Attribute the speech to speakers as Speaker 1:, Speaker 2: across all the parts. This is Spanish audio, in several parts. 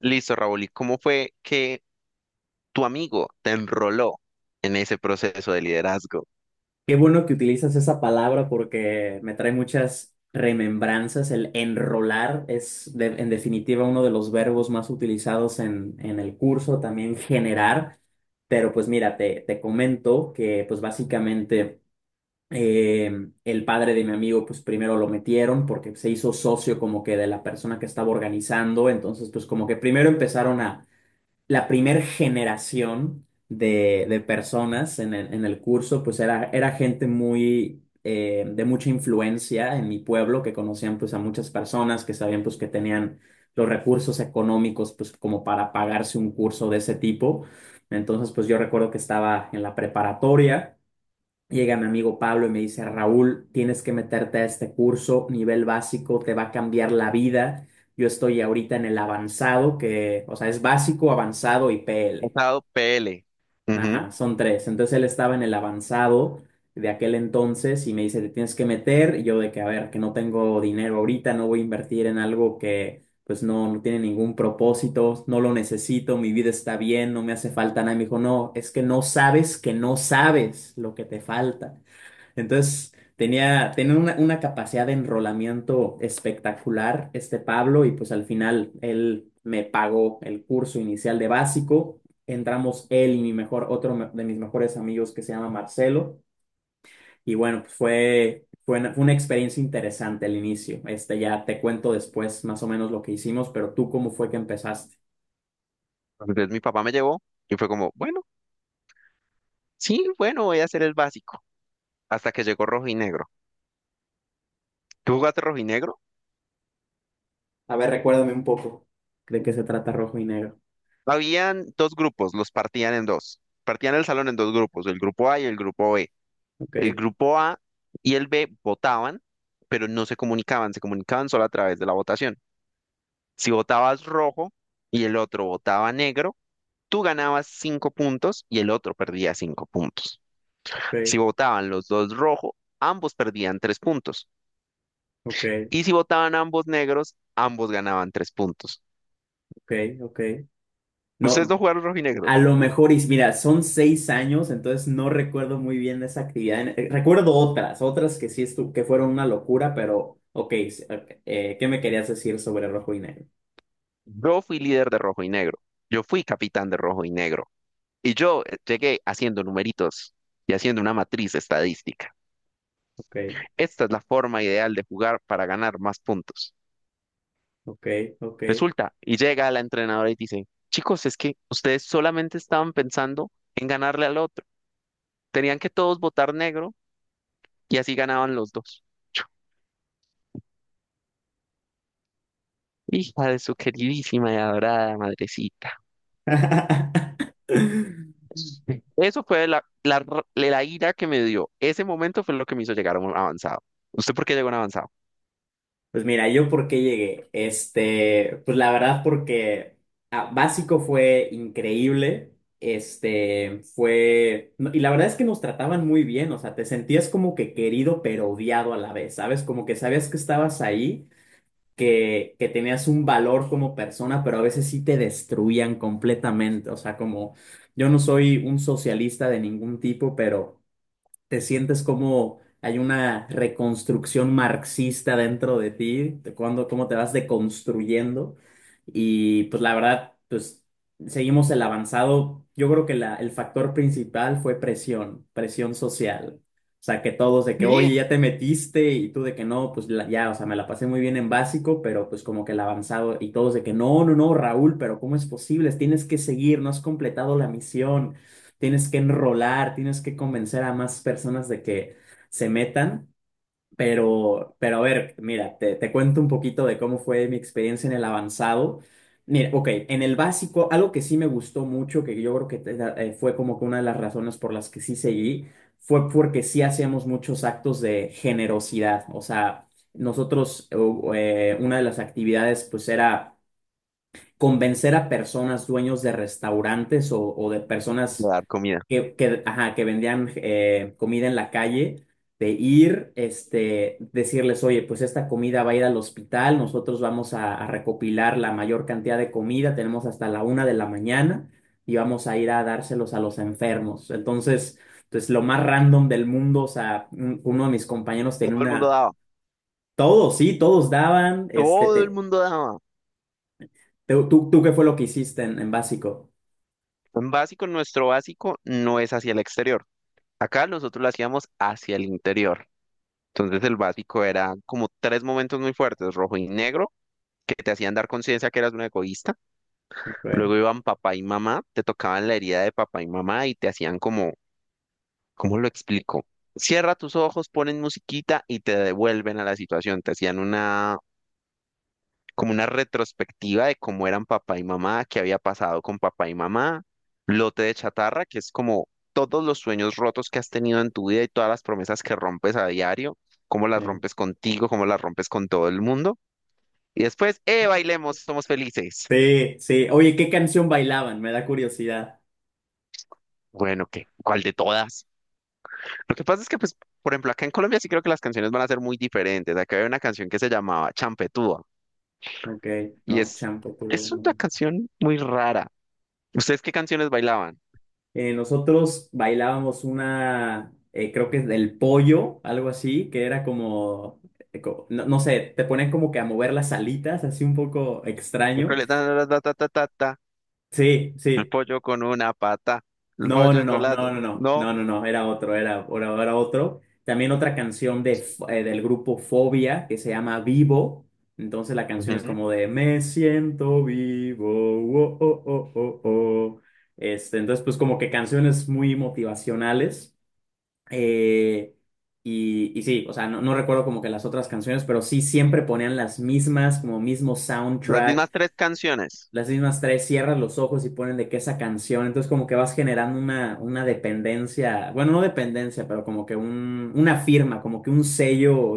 Speaker 1: Listo, Raúl. ¿Y cómo fue que tu amigo te enroló en ese proceso de liderazgo?
Speaker 2: Qué bueno que utilizas esa palabra porque me trae muchas remembranzas. El enrolar es, en definitiva, uno de los verbos más utilizados en el curso, también generar. Pero pues mira, te comento que pues básicamente eh, el padre de mi amigo pues primero lo metieron porque se hizo socio como que de la persona que estaba organizando. Entonces pues como que primero empezaron a la primera generación de personas en el curso, pues era, era gente muy, de mucha influencia en mi pueblo, que conocían pues a muchas personas, que sabían pues que tenían los recursos económicos pues como para pagarse un curso de ese tipo. Entonces pues yo recuerdo que estaba en la preparatoria. Llega mi amigo Pablo y me dice, Raúl, tienes que meterte a este curso, nivel básico, te va a cambiar la vida. Yo estoy ahorita en el avanzado, que, o sea, es básico, avanzado y PL.
Speaker 1: Pasado PL. Ujú.
Speaker 2: Ajá, son tres. Entonces él estaba en el avanzado de aquel entonces y me dice, te tienes que meter. Y yo de que, a ver, que no tengo dinero ahorita, no voy a invertir en algo que, pues, no, no tiene ningún propósito, no lo necesito, mi vida está bien, no me hace falta nada. Y me dijo, no, es que no sabes lo que te falta. Entonces, tenía una capacidad de enrolamiento espectacular este Pablo y pues al final él me pagó el curso inicial de básico. Entramos él y mi mejor, otro de mis mejores amigos que se llama Marcelo. Y bueno, pues fue una experiencia interesante el inicio. Este ya te cuento después más o menos lo que hicimos, pero tú cómo fue que empezaste.
Speaker 1: Entonces mi papá me llevó y fue como, bueno, sí, bueno, voy a hacer el básico. Hasta que llegó rojo y negro. ¿Tú jugaste rojo y negro?
Speaker 2: A ver, recuérdame un poco. ¿De qué se trata Rojo y Negro?
Speaker 1: Habían dos grupos, los partían en dos. Partían el salón en dos grupos, el grupo A y el grupo B.
Speaker 2: Ok,
Speaker 1: El grupo A y el B votaban, pero no se comunicaban, se comunicaban solo a través de la votación. Si votabas rojo y el otro votaba negro, tú ganabas cinco puntos y el otro perdía cinco puntos. Si
Speaker 2: ok,
Speaker 1: votaban los dos rojo, ambos perdían tres puntos.
Speaker 2: ok,
Speaker 1: Y si votaban ambos negros, ambos ganaban tres puntos.
Speaker 2: ok, ok.
Speaker 1: Ustedes no
Speaker 2: No.
Speaker 1: jugaron rojo y negro.
Speaker 2: A lo mejor, y mira, son 6 años, entonces no recuerdo muy bien esa actividad. Recuerdo otras que sí que fueron una locura, pero ok, ok, ¿qué me querías decir sobre rojo y negro?
Speaker 1: Yo fui líder de rojo y negro. Yo fui capitán de rojo y negro. Y yo llegué haciendo numeritos y haciendo una matriz estadística.
Speaker 2: Ok,
Speaker 1: Esta es la forma ideal de jugar para ganar más puntos.
Speaker 2: ok, ok.
Speaker 1: Resulta, y llega la entrenadora y dice, chicos, es que ustedes solamente estaban pensando en ganarle al otro. Tenían que todos votar negro y así ganaban los dos. Hija de su queridísima y adorada madrecita. Eso fue la ira que me dio. Ese momento fue lo que me hizo llegar a un avanzado. ¿Usted por qué llegó a un avanzado?
Speaker 2: Pues mira, yo por qué llegué. Este, pues la verdad porque ah, básico fue increíble. Este, fue, no, y la verdad es que nos trataban muy bien, o sea, te sentías como que querido pero odiado a la vez, ¿sabes? Como que sabías que estabas ahí, que tenías un valor como persona, pero a veces sí te destruían completamente, o sea, como yo no soy un socialista de ningún tipo, pero te sientes como hay una reconstrucción marxista dentro de ti, de cuando, cómo te vas deconstruyendo. Y pues la verdad, pues seguimos el avanzado. Yo creo que el factor principal fue presión, presión social. O sea, que todos de que, oye,
Speaker 1: Sí.
Speaker 2: ya te metiste y tú de que no, pues ya, o sea, me la pasé muy bien en básico, pero pues como que el avanzado y todos de que no, no, no, Raúl, pero ¿cómo es posible? Tienes que seguir, no has completado la misión. Tienes que enrolar, tienes que convencer a más personas de que se metan. Pero a ver, mira, te cuento un poquito de cómo fue mi experiencia en el avanzado. Mira, ok, en el básico, algo que sí me gustó mucho, que yo creo que fue como que una de las razones por las que sí seguí, fue porque sí hacíamos muchos actos de generosidad. O sea, nosotros, una de las actividades pues era convencer a personas dueños de restaurantes o de
Speaker 1: De
Speaker 2: personas
Speaker 1: dar comida.
Speaker 2: que, ajá, que vendían comida en la calle, de ir, este, decirles, oye, pues esta comida va a ir al hospital, nosotros vamos a recopilar la mayor cantidad de comida, tenemos hasta la una de la mañana y vamos a ir a dárselos a los enfermos. Entonces, pues lo más random del mundo, o sea, uno de mis compañeros
Speaker 1: Todo
Speaker 2: tenía
Speaker 1: el mundo
Speaker 2: una,
Speaker 1: daba.
Speaker 2: todos, sí, todos daban, este,
Speaker 1: Todo el
Speaker 2: te-
Speaker 1: mundo daba.
Speaker 2: tú, tú, tú ¿qué fue lo que hiciste en básico?
Speaker 1: En básico, nuestro básico no es hacia el exterior. Acá nosotros lo hacíamos hacia el interior. Entonces el básico era como tres momentos muy fuertes: rojo y negro, que te hacían dar conciencia que eras un egoísta.
Speaker 2: Ok,
Speaker 1: Luego iban papá y mamá, te tocaban la herida de papá y mamá y te hacían como, ¿cómo lo explico? Cierra tus ojos, ponen musiquita y te devuelven a la situación. Te hacían una, como una retrospectiva de cómo eran papá y mamá, qué había pasado con papá y mamá, lote de chatarra, que es como todos los sueños rotos que has tenido en tu vida y todas las promesas que rompes a diario, cómo las
Speaker 2: sí.
Speaker 1: rompes contigo, cómo las rompes con todo el mundo. Y después, bailemos, somos felices.
Speaker 2: Sí, sí. Oye, ¿qué canción bailaban? Me da curiosidad.
Speaker 1: Bueno, ¿qué? ¿Cuál de todas? Lo que pasa es que, pues, por ejemplo, acá en Colombia sí creo que las canciones van a ser muy diferentes. Acá había una canción que se llamaba Champetúa
Speaker 2: Ok,
Speaker 1: y
Speaker 2: no,
Speaker 1: es,
Speaker 2: champo, pero
Speaker 1: es una
Speaker 2: no.
Speaker 1: canción muy rara. ¿Ustedes qué canciones bailaban?
Speaker 2: Nosotros bailábamos una, creo que es del pollo, algo así, que era como, no, no sé, te ponen como que a mover las alitas, así un poco
Speaker 1: En
Speaker 2: extraño.
Speaker 1: Colombia, ta, ta, ta, ta, ta, ta,
Speaker 2: Sí,
Speaker 1: el
Speaker 2: sí,
Speaker 1: pollo con una pata, el
Speaker 2: no, no,
Speaker 1: pollo con
Speaker 2: no,
Speaker 1: la
Speaker 2: no,
Speaker 1: ...dos.
Speaker 2: no, no,
Speaker 1: No.
Speaker 2: no, no, no, era otro, era otro. También otra canción del grupo Fobia que se llama Vivo. Entonces la canción es
Speaker 1: Ujú.
Speaker 2: como de "Me siento vivo, oh, oh, oh, oh, oh". Este, entonces, pues como que canciones muy motivacionales. Eh, y sí, o sea, no, no recuerdo como que las otras canciones, pero sí siempre ponían las mismas, como mismo
Speaker 1: Las
Speaker 2: soundtrack.
Speaker 1: mismas tres canciones.
Speaker 2: Las mismas tres, cierras los ojos y ponen de que esa canción, entonces como que vas generando una dependencia, bueno, no dependencia, pero como que un, una firma, como que un sello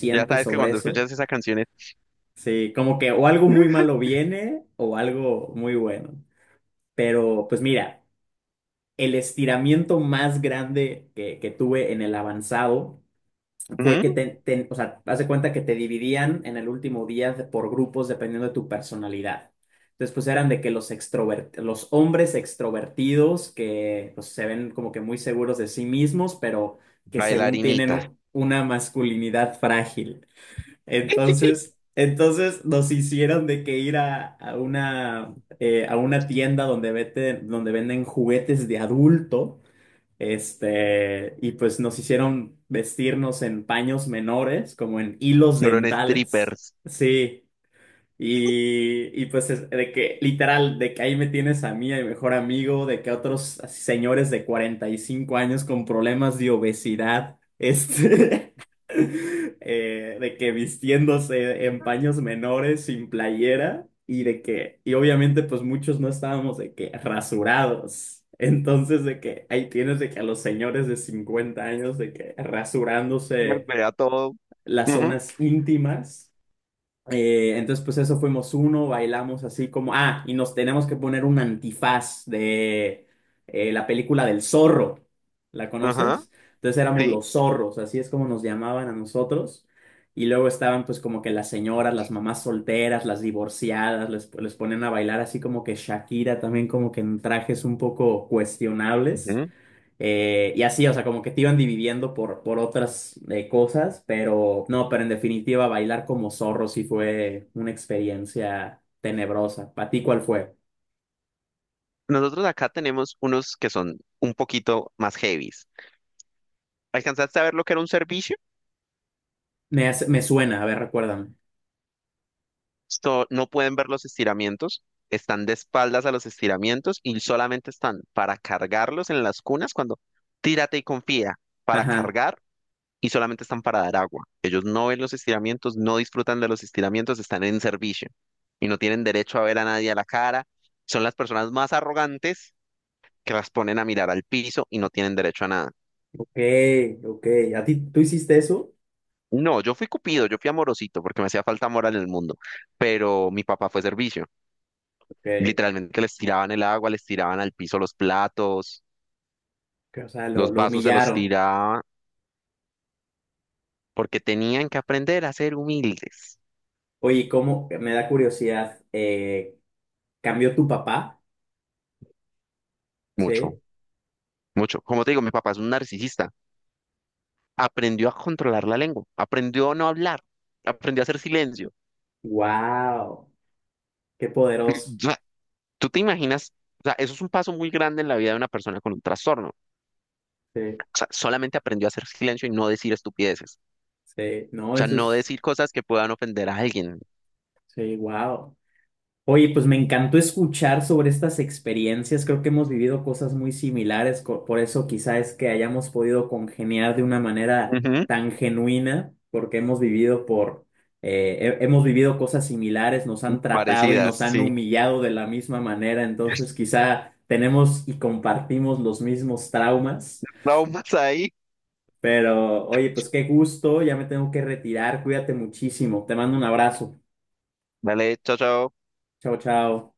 Speaker 1: Ya sabes que
Speaker 2: sobre
Speaker 1: cuando
Speaker 2: eso.
Speaker 1: escuchas esas canciones,
Speaker 2: Sí, como que o algo muy malo viene o algo muy bueno. Pero pues mira, el estiramiento más grande que tuve en el avanzado fue que
Speaker 1: ujú,
Speaker 2: o sea, haz de cuenta que te dividían en el último día por grupos dependiendo de tu personalidad. Entonces, pues eran de que los hombres extrovertidos que pues, se ven como que muy seguros de sí mismos, pero que según tienen
Speaker 1: bailarinitas,
Speaker 2: una masculinidad frágil. Entonces nos hicieron de que ir a una tienda donde venden juguetes de adulto este, y pues nos hicieron vestirnos en paños menores, como en hilos
Speaker 1: fueron
Speaker 2: dentales.
Speaker 1: strippers,
Speaker 2: Sí. Y pues de que literal, de que ahí me tienes a mí, a mi mejor amigo, de que otros así señores de 45 años con problemas de obesidad, este, de que vistiéndose en paños menores, sin playera, y de que, y obviamente pues muchos no estábamos de que rasurados. Entonces de que ahí tienes de que a los señores de 50 años de que rasurándose
Speaker 1: vea todo.
Speaker 2: las
Speaker 1: Ujú.
Speaker 2: zonas íntimas. Entonces, pues eso fuimos uno, bailamos así como, ah, y nos tenemos que poner un antifaz de la película del zorro, ¿la
Speaker 1: Ajá,
Speaker 2: conoces? Entonces éramos
Speaker 1: sí.
Speaker 2: los zorros, así es como nos llamaban a nosotros. Y luego estaban pues como que las señoras, las mamás solteras, las divorciadas, les ponían a bailar así como que Shakira también como que en trajes un poco cuestionables. Y así, o sea, como que te iban dividiendo por otras cosas, pero no, pero en definitiva, bailar como zorro sí fue una experiencia tenebrosa. ¿Para ti cuál fue?
Speaker 1: Nosotros acá tenemos unos que son un poquito más heavies. ¿Alcanzaste a ver lo que era un servicio?
Speaker 2: Me suena, a ver, recuérdame.
Speaker 1: Esto, no pueden ver los estiramientos, están de espaldas a los estiramientos y solamente están para cargarlos en las cunas cuando tírate y confía para
Speaker 2: Ajá,
Speaker 1: cargar, y solamente están para dar agua. Ellos no ven los estiramientos, no disfrutan de los estiramientos, están en servicio y no tienen derecho a ver a nadie a la cara. Son las personas más arrogantes que las ponen a mirar al piso y no tienen derecho a nada.
Speaker 2: ok, ok. ¿A ti tú hiciste eso?
Speaker 1: No, yo fui cupido, yo fui amorosito porque me hacía falta amor en el mundo, pero mi papá fue servicio.
Speaker 2: Ok,
Speaker 1: Literalmente les tiraban el agua, les tiraban al piso los platos,
Speaker 2: o sea, lo,
Speaker 1: los
Speaker 2: lo
Speaker 1: vasos se los
Speaker 2: humillaron.
Speaker 1: tiraba porque tenían que aprender a ser humildes.
Speaker 2: Oye, ¿cómo? Me da curiosidad. ¿Cambió tu papá?
Speaker 1: Mucho,
Speaker 2: Sí.
Speaker 1: mucho. Como te digo, mi papá es un narcisista. Aprendió a controlar la lengua, aprendió a no hablar, aprendió a hacer silencio.
Speaker 2: Wow, qué poderoso.
Speaker 1: O sea, ¿tú te imaginas? O sea, eso es un paso muy grande en la vida de una persona con un trastorno. O
Speaker 2: Sí,
Speaker 1: sea, solamente aprendió a hacer silencio y no decir estupideces.
Speaker 2: sí. No,
Speaker 1: O sea,
Speaker 2: eso
Speaker 1: no
Speaker 2: es,
Speaker 1: decir cosas que puedan ofender a alguien.
Speaker 2: sí, wow. Oye, pues me encantó escuchar sobre estas experiencias. Creo que hemos vivido cosas muy similares, por eso quizá es que hayamos podido congeniar de una manera
Speaker 1: Ujú.
Speaker 2: tan genuina, porque hemos vivido hemos vivido cosas similares, nos han tratado y
Speaker 1: Parecidas,
Speaker 2: nos han
Speaker 1: sí.
Speaker 2: humillado de la misma manera. Entonces, quizá tenemos y compartimos los mismos traumas.
Speaker 1: Traumas ahí.
Speaker 2: Pero, oye, pues qué gusto. Ya me tengo que retirar. Cuídate muchísimo. Te mando un abrazo.
Speaker 1: Dale, chao, chao.
Speaker 2: Chao, chao.